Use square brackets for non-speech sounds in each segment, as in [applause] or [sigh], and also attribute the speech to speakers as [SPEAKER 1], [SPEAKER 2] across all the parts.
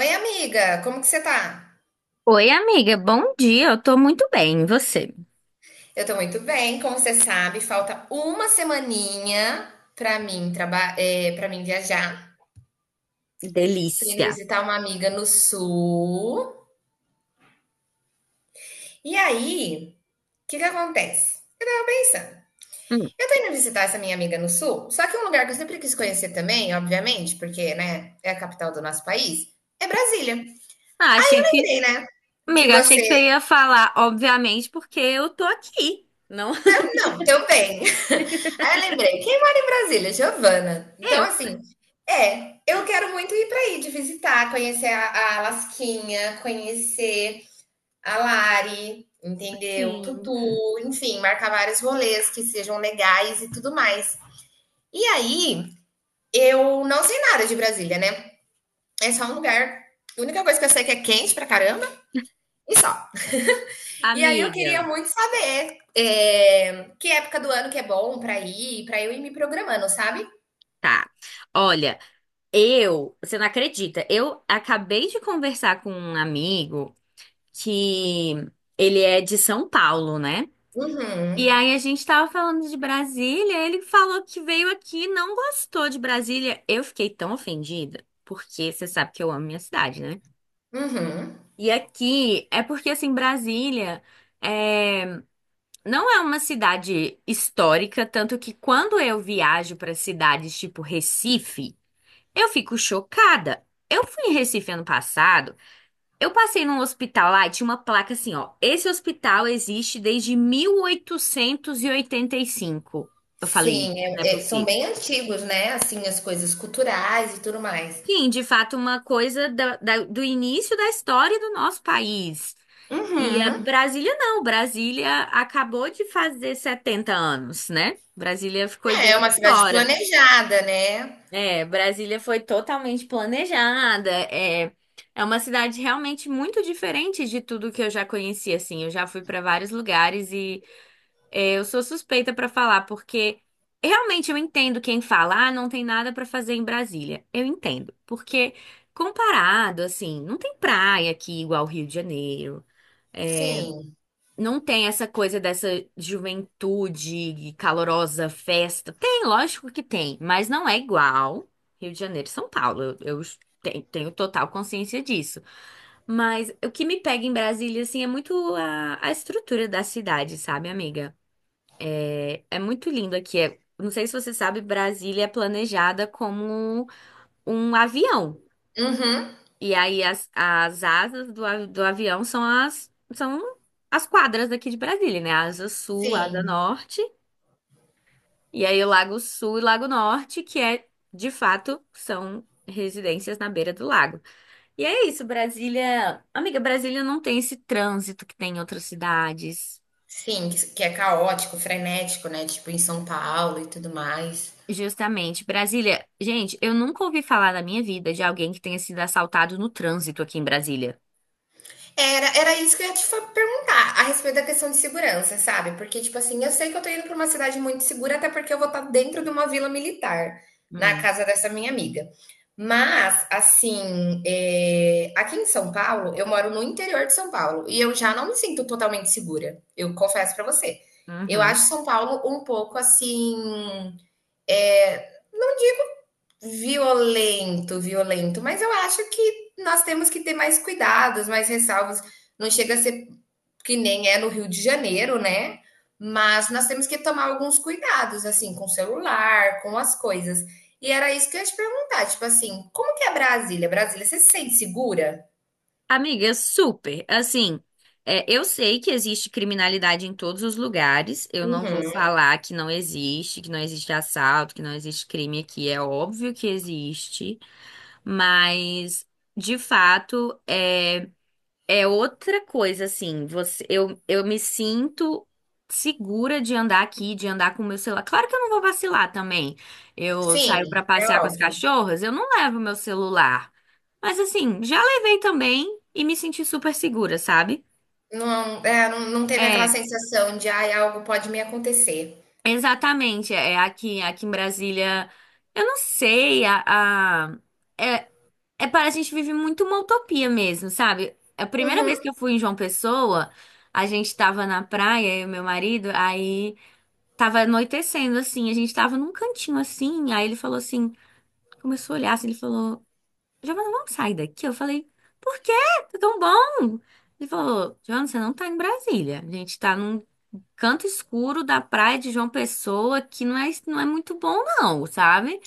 [SPEAKER 1] Oi, amiga, como que você tá?
[SPEAKER 2] Oi, amiga, bom dia. Eu tô muito bem, e você?
[SPEAKER 1] Eu tô muito bem, como você sabe, falta uma semaninha pra mim para mim viajar. Tô indo
[SPEAKER 2] Delícia.
[SPEAKER 1] visitar uma amiga no sul. E aí, o que que acontece? Eu tava pensando,
[SPEAKER 2] Hum.
[SPEAKER 1] eu tô indo visitar essa minha amiga no sul, só que um lugar que eu sempre quis conhecer também, obviamente, porque, né, é a capital do nosso país, é Brasília.
[SPEAKER 2] Ah, achei que,
[SPEAKER 1] Lembrei, né? Que
[SPEAKER 2] amiga, achei
[SPEAKER 1] você.
[SPEAKER 2] que você ia falar, obviamente, porque eu tô aqui, não
[SPEAKER 1] Não, também, aí eu lembrei, quem mora em Brasília? Giovana.
[SPEAKER 2] [laughs]
[SPEAKER 1] Então,
[SPEAKER 2] eu.
[SPEAKER 1] assim, é, eu quero muito ir para aí, de visitar, conhecer a Lasquinha, conhecer a Lari, entendeu?
[SPEAKER 2] Sim,
[SPEAKER 1] Tutu, enfim, marcar vários rolês que sejam legais e tudo mais. E aí, eu não sei nada de Brasília, né? É só um lugar. A única coisa que eu sei é que é quente pra caramba e só. E aí eu queria
[SPEAKER 2] amiga.
[SPEAKER 1] muito saber que época do ano que é bom pra ir, pra eu ir me programando, sabe?
[SPEAKER 2] Tá. Olha, você não acredita, eu acabei de conversar com um amigo que ele é de São Paulo, né? E
[SPEAKER 1] Uhum.
[SPEAKER 2] aí a gente tava falando de Brasília, ele falou que veio aqui e não gostou de Brasília. Eu fiquei tão ofendida, porque você sabe que eu amo minha cidade, né?
[SPEAKER 1] Uhum.
[SPEAKER 2] E aqui é porque assim, é... não é uma cidade histórica, tanto que quando eu viajo para cidades tipo Recife, eu fico chocada. Eu fui em Recife ano passado. Eu passei num hospital lá e tinha uma placa assim, ó. Esse hospital existe desde mil oitocentos e oitenta e cinco. Eu falei,
[SPEAKER 1] Sim,
[SPEAKER 2] não é
[SPEAKER 1] é são
[SPEAKER 2] possível.
[SPEAKER 1] bem antigos, né, assim, as coisas culturais e tudo mais.
[SPEAKER 2] Sim, de fato, uma coisa do início da história do nosso país. E a
[SPEAKER 1] Uhum.
[SPEAKER 2] Brasília não, Brasília acabou de fazer 70 anos, né? Brasília ficou
[SPEAKER 1] É, é
[SPEAKER 2] idosa
[SPEAKER 1] uma cidade
[SPEAKER 2] agora.
[SPEAKER 1] planejada, né.
[SPEAKER 2] É, Brasília foi totalmente planejada. É, é uma cidade realmente muito diferente de tudo que eu já conheci, assim. Eu já fui para vários lugares e é, eu sou suspeita para falar, porque realmente eu entendo quem fala, ah, não tem nada para fazer em Brasília. Eu entendo, porque comparado, assim, não tem praia aqui igual Rio de Janeiro.
[SPEAKER 1] Sim.
[SPEAKER 2] Não tem essa coisa dessa juventude calorosa, festa. Tem, lógico que tem, mas não é igual Rio de Janeiro e São Paulo. Eu tenho total consciência disso. Mas o que me pega em Brasília, assim, é muito a estrutura da cidade, sabe, amiga? É, é muito lindo aqui. É- não sei se você sabe, Brasília é planejada como um avião.
[SPEAKER 1] Uhum.
[SPEAKER 2] E aí as asas do avião são as quadras daqui de Brasília, né? Asa Sul, Asa
[SPEAKER 1] Sim.
[SPEAKER 2] Norte, e aí o Lago Sul e Lago Norte, que é de fato são residências na beira do lago. E é isso, Brasília. Amiga, Brasília não tem esse trânsito que tem em outras cidades.
[SPEAKER 1] Sim, que é caótico, frenético, né, tipo em São Paulo e tudo mais.
[SPEAKER 2] Justamente, Brasília. Gente, eu nunca ouvi falar na minha vida de alguém que tenha sido assaltado no trânsito aqui em Brasília.
[SPEAKER 1] Era isso que eu ia perguntar a respeito da questão de segurança, sabe? Porque, tipo assim, eu sei que eu tô indo pra uma cidade muito segura, até porque eu vou estar dentro de uma vila militar, na
[SPEAKER 2] Hum.
[SPEAKER 1] casa dessa minha amiga. Mas, assim, aqui em São Paulo, eu moro no interior de São Paulo e eu já não me sinto totalmente segura, eu confesso pra você. Eu
[SPEAKER 2] Uhum.
[SPEAKER 1] acho São Paulo um pouco assim, violento, violento, mas eu acho que nós temos que ter mais cuidados, mais ressalvas. Não chega a ser que nem é no Rio de Janeiro, né? Mas nós temos que tomar alguns cuidados, assim, com o celular, com as coisas. E era isso que eu ia te perguntar, tipo assim, como que é Brasília? Brasília, você se sente segura?
[SPEAKER 2] Amiga, super. Assim, é, eu sei que existe criminalidade em todos os lugares. Eu não vou
[SPEAKER 1] Uhum.
[SPEAKER 2] falar que não existe assalto, que não existe crime aqui. É óbvio que existe, mas de fato, é. É outra coisa, assim, você, eu me sinto segura de andar aqui, de andar com o meu celular. Claro que eu não vou vacilar também. Eu saio pra
[SPEAKER 1] Sim, é
[SPEAKER 2] passear com as
[SPEAKER 1] óbvio.
[SPEAKER 2] cachorras, eu não levo meu celular. Mas assim, já levei também e me senti super segura, sabe?
[SPEAKER 1] Não, é, não, não teve aquela
[SPEAKER 2] É,
[SPEAKER 1] sensação de, ai, algo pode me acontecer.
[SPEAKER 2] exatamente. É aqui, aqui em Brasília, eu não sei, a- é, É, para a gente vive muito uma utopia mesmo, sabe? A primeira vez
[SPEAKER 1] Uhum.
[SPEAKER 2] que eu fui em João Pessoa, a gente tava na praia, eu e meu marido, aí tava anoitecendo assim, a gente tava num cantinho assim, aí ele falou assim, começou a olhar assim, ele falou, Giovana, vamos sair daqui? Eu falei, por quê? Tá tão bom. Ele falou, Giovana, você não tá em Brasília, a gente tá num canto escuro da praia de João Pessoa, que não é muito bom não, sabe?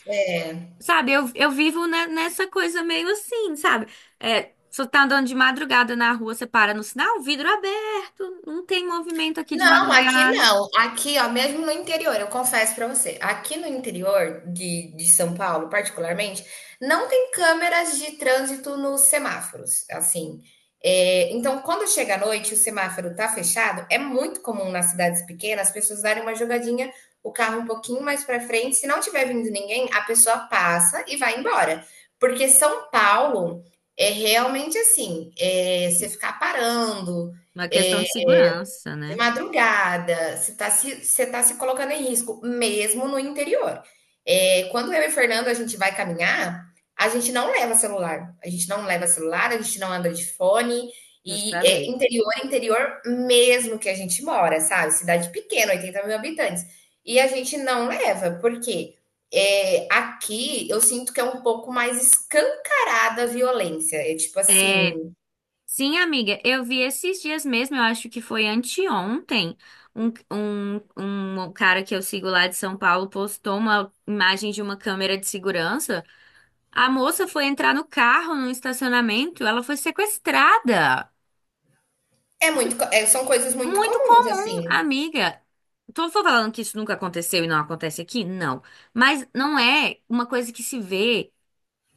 [SPEAKER 2] Sabe, eu vivo nessa coisa meio assim, sabe? É, você tá andando de madrugada na rua, você para no sinal, vidro é aberto, não tem movimento aqui de
[SPEAKER 1] Não, aqui
[SPEAKER 2] madrugada.
[SPEAKER 1] não. Aqui, ó, mesmo no interior, eu confesso pra você, aqui no interior de São Paulo, particularmente, não tem câmeras de trânsito nos semáforos, assim. É, então, quando chega à noite e o semáforo tá fechado, é muito comum nas cidades pequenas as pessoas darem uma jogadinha, o carro um pouquinho mais pra frente. Se não tiver vindo ninguém, a pessoa passa e vai embora. Porque São Paulo é realmente assim, você ficar parando
[SPEAKER 2] Uma questão
[SPEAKER 1] é,
[SPEAKER 2] de segurança,
[SPEAKER 1] de
[SPEAKER 2] né?
[SPEAKER 1] madrugada, você tá se colocando em risco, mesmo no interior. É, quando eu e o Fernando a gente vai caminhar, a gente não leva celular. A gente não leva celular, a gente não anda de fone. E é,
[SPEAKER 2] Justamente.
[SPEAKER 1] interior mesmo que a gente mora, sabe? Cidade pequena, 80 mil habitantes. E a gente não leva, porque é, aqui eu sinto que é um pouco mais escancarada a violência. É tipo assim,
[SPEAKER 2] É, sim, amiga, eu vi esses dias mesmo, eu acho que foi anteontem, um, um, um cara que eu sigo lá de São Paulo postou uma imagem de uma câmera de segurança. A moça foi entrar no carro, no estacionamento, ela foi sequestrada.
[SPEAKER 1] são coisas muito
[SPEAKER 2] Muito
[SPEAKER 1] comuns,
[SPEAKER 2] comum,
[SPEAKER 1] assim.
[SPEAKER 2] amiga. Tô falando que isso nunca aconteceu e não acontece aqui? Não. Mas não é uma coisa que se vê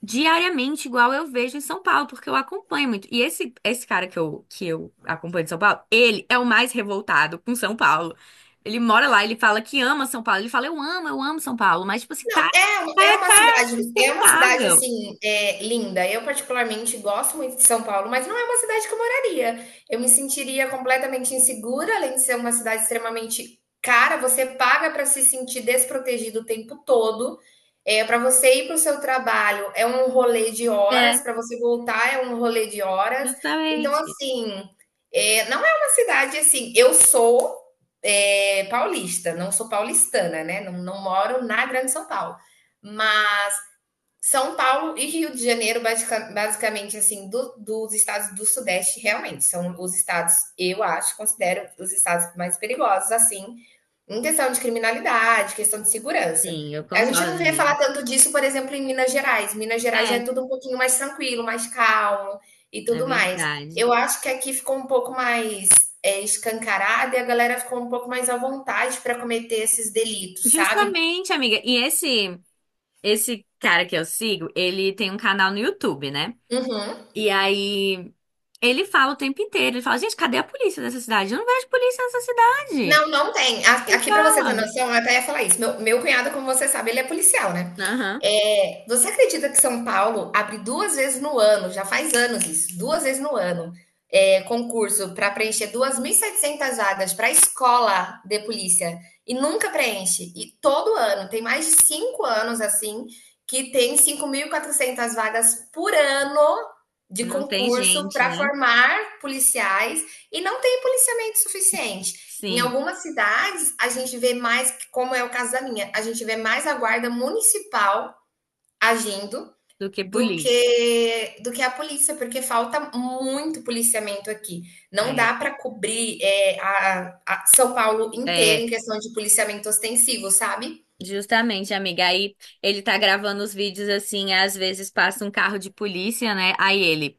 [SPEAKER 2] diariamente, igual eu vejo em São Paulo, porque eu acompanho muito. E esse cara que eu acompanho de São Paulo, ele é o mais revoltado com São Paulo. Ele mora lá, ele fala que ama São Paulo. Ele fala, eu amo São Paulo. Mas, tipo assim, tá
[SPEAKER 1] Não, é, é uma cidade
[SPEAKER 2] sustentável.
[SPEAKER 1] assim, é, linda. Eu particularmente gosto muito de São Paulo, mas não é uma cidade que eu moraria. Eu me sentiria completamente insegura, além de ser uma cidade extremamente cara, você paga para se sentir desprotegido o tempo todo. É, para você ir para o seu trabalho é um rolê de horas,
[SPEAKER 2] É,
[SPEAKER 1] para você voltar é um rolê de horas. Então,
[SPEAKER 2] justamente.
[SPEAKER 1] assim, é, não é uma cidade assim. Eu sou é, paulista, não sou paulistana, né? Não, não moro na Grande São Paulo. Mas São Paulo e Rio de Janeiro, basicamente, assim, dos estados do Sudeste, realmente, são os estados, eu acho, considero os estados mais perigosos, assim, em questão de criminalidade, questão de segurança.
[SPEAKER 2] Sim, eu
[SPEAKER 1] A gente
[SPEAKER 2] concordo,
[SPEAKER 1] não vê
[SPEAKER 2] amiga.
[SPEAKER 1] falar tanto disso, por exemplo, em Minas Gerais. Minas Gerais já
[SPEAKER 2] É,
[SPEAKER 1] é tudo um pouquinho mais tranquilo, mais calmo e
[SPEAKER 2] é
[SPEAKER 1] tudo mais.
[SPEAKER 2] verdade.
[SPEAKER 1] Eu acho que aqui ficou um pouco mais é, escancarado e a galera ficou um pouco mais à vontade para cometer esses delitos, sabe?
[SPEAKER 2] Justamente, amiga. E esse. Esse cara que eu sigo, ele tem um canal no YouTube, né?
[SPEAKER 1] Uhum.
[SPEAKER 2] E aí ele fala o tempo inteiro, ele fala, gente, cadê a polícia dessa cidade? Eu não vejo polícia nessa cidade.
[SPEAKER 1] Não, não tem. A
[SPEAKER 2] Ele
[SPEAKER 1] aqui para você ter
[SPEAKER 2] fala.
[SPEAKER 1] noção, eu até ia falar isso, meu cunhado, como você sabe, ele é policial, né.
[SPEAKER 2] Aham.
[SPEAKER 1] Você acredita que São Paulo abre duas vezes no ano, já faz anos isso, duas vezes no ano, concurso para preencher 2.700 vagas para escola de polícia e nunca preenche? E todo ano, tem mais de 5 anos, assim, que tem 5.400 vagas por ano de
[SPEAKER 2] Não tem
[SPEAKER 1] concurso
[SPEAKER 2] gente,
[SPEAKER 1] para
[SPEAKER 2] né?
[SPEAKER 1] formar policiais e não tem policiamento suficiente. Em
[SPEAKER 2] Sim,
[SPEAKER 1] algumas cidades, a gente vê mais, como é o caso da minha, a gente vê mais a guarda municipal agindo
[SPEAKER 2] do que
[SPEAKER 1] do
[SPEAKER 2] polícia.
[SPEAKER 1] que do que a polícia, porque falta muito policiamento aqui. Não
[SPEAKER 2] É,
[SPEAKER 1] dá para cobrir a São Paulo inteira
[SPEAKER 2] é,
[SPEAKER 1] em questão de policiamento ostensivo, sabe?
[SPEAKER 2] justamente, amiga. Aí ele tá gravando os vídeos assim, às vezes passa um carro de polícia, né? Aí ele.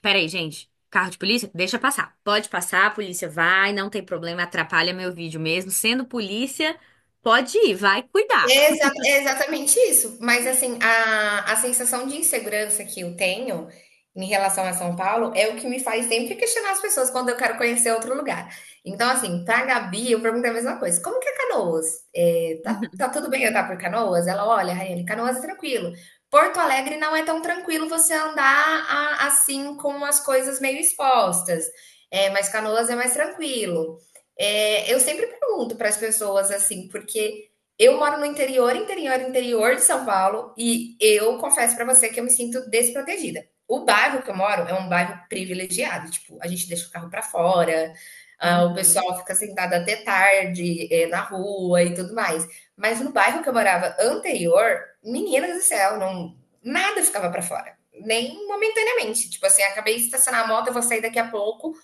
[SPEAKER 2] Peraí, gente. Carro de polícia? Deixa passar. Pode passar, a polícia vai, não tem problema, atrapalha meu vídeo mesmo. Sendo polícia, pode ir, vai cuidar.
[SPEAKER 1] Exatamente isso. Mas assim, a sensação de insegurança que eu tenho em relação a São Paulo é o que me faz sempre questionar as pessoas quando eu quero conhecer outro lugar. Então, assim, pra Gabi, eu pergunto a mesma coisa: "Como que é Canoas? Tá
[SPEAKER 2] [laughs]
[SPEAKER 1] tudo bem andar por Canoas?" Ela: "Olha, Raiane, Canoas é tranquilo. Porto Alegre não é tão tranquilo você andar a assim com as coisas meio expostas, é mas Canoas é mais tranquilo". Eu sempre pergunto para as pessoas assim, porque eu moro no interior de São Paulo e eu confesso para você que eu me sinto desprotegida. O bairro que eu moro é um bairro privilegiado, tipo, a gente deixa o carro para fora, ah, o
[SPEAKER 2] Uhum.
[SPEAKER 1] pessoal fica sentado até tarde, na rua e tudo mais. Mas no bairro que eu morava anterior, meninas do céu, não, nada ficava para fora, nem momentaneamente. Tipo assim, acabei de estacionar a moto, eu vou sair daqui a pouco,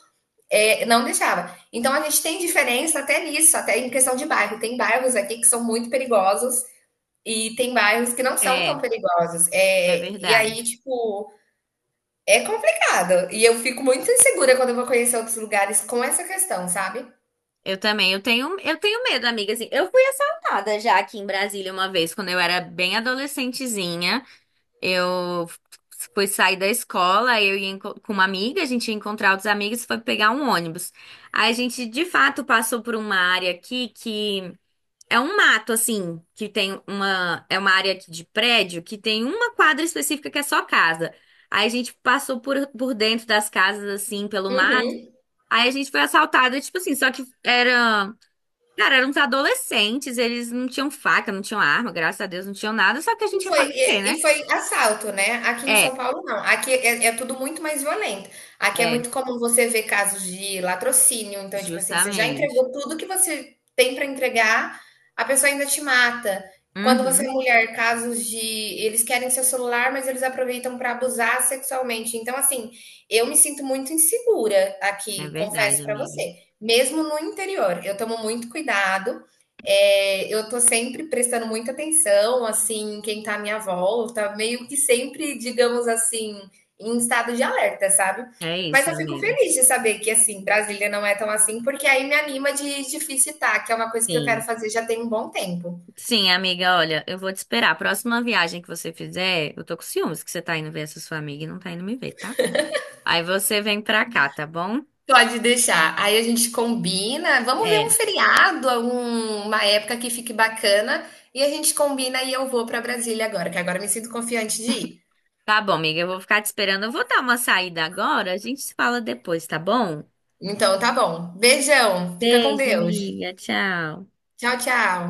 [SPEAKER 1] não deixava. Então a gente tem diferença até nisso, até em questão de bairro. Tem bairros aqui que são muito perigosos e tem bairros que não são tão
[SPEAKER 2] É,
[SPEAKER 1] perigosos.
[SPEAKER 2] é
[SPEAKER 1] É, e aí,
[SPEAKER 2] verdade.
[SPEAKER 1] tipo, é complicado. E eu fico muito insegura quando eu vou conhecer outros lugares com essa questão, sabe?
[SPEAKER 2] Eu também, eu tenho medo, amiga, assim. Eu fui assaltada já aqui em Brasília uma vez, quando eu era bem adolescentezinha. Eu fui sair da escola, eu ia com uma amiga, a gente ia encontrar outros amigos, foi pegar um ônibus. Aí a gente, de fato, passou por uma área aqui que É um mato, assim, que tem uma. É uma área aqui de prédio que tem uma quadra específica que é só casa. Aí a gente passou por dentro das casas, assim, pelo mato.
[SPEAKER 1] Uhum.
[SPEAKER 2] Aí a gente foi assaltado, tipo assim, só que era. Cara, eram uns adolescentes, eles não tinham faca, não tinham arma, graças a Deus não tinham nada, só que a gente ia fazer o quê, né?
[SPEAKER 1] E foi assalto, né. Aqui em São
[SPEAKER 2] É,
[SPEAKER 1] Paulo não, aqui é tudo muito mais violento. Aqui é
[SPEAKER 2] é,
[SPEAKER 1] muito comum você ver casos de latrocínio, então, tipo assim, você já
[SPEAKER 2] justamente.
[SPEAKER 1] entregou tudo que você tem para entregar, a pessoa ainda te mata. Quando você é
[SPEAKER 2] Uhum,
[SPEAKER 1] mulher, casos de eles querem seu celular, mas eles aproveitam para abusar sexualmente. Então, assim, eu me sinto muito insegura
[SPEAKER 2] é
[SPEAKER 1] aqui,
[SPEAKER 2] verdade,
[SPEAKER 1] confesso para
[SPEAKER 2] amiga.
[SPEAKER 1] você, mesmo no interior. Eu tomo muito cuidado, eu tô sempre prestando muita atenção, assim, em quem tá à minha volta, meio que sempre, digamos assim, em estado de alerta, sabe.
[SPEAKER 2] É
[SPEAKER 1] Mas
[SPEAKER 2] isso,
[SPEAKER 1] eu fico
[SPEAKER 2] amiga.
[SPEAKER 1] feliz de saber que, assim, Brasília não é tão assim, porque aí me anima de visitar, que é uma coisa que eu quero
[SPEAKER 2] Sim.
[SPEAKER 1] fazer já tem um bom tempo.
[SPEAKER 2] Sim, amiga, olha, eu vou te esperar. A próxima viagem que você fizer, eu tô com ciúmes que você tá indo ver essa sua amiga e não tá indo me ver, tá? Aí você vem pra cá, tá bom?
[SPEAKER 1] Pode deixar. Aí a gente combina, vamos ver um
[SPEAKER 2] É.
[SPEAKER 1] feriado, uma época que fique bacana, e a gente combina e eu vou pra Brasília agora, que agora eu me sinto confiante de ir.
[SPEAKER 2] Tá bom, amiga, eu vou ficar te esperando. Eu vou dar uma saída agora, a gente se fala depois, tá bom?
[SPEAKER 1] Então tá bom. Beijão, fica com
[SPEAKER 2] Beijo,
[SPEAKER 1] Deus.
[SPEAKER 2] amiga. Tchau.
[SPEAKER 1] Tchau, tchau.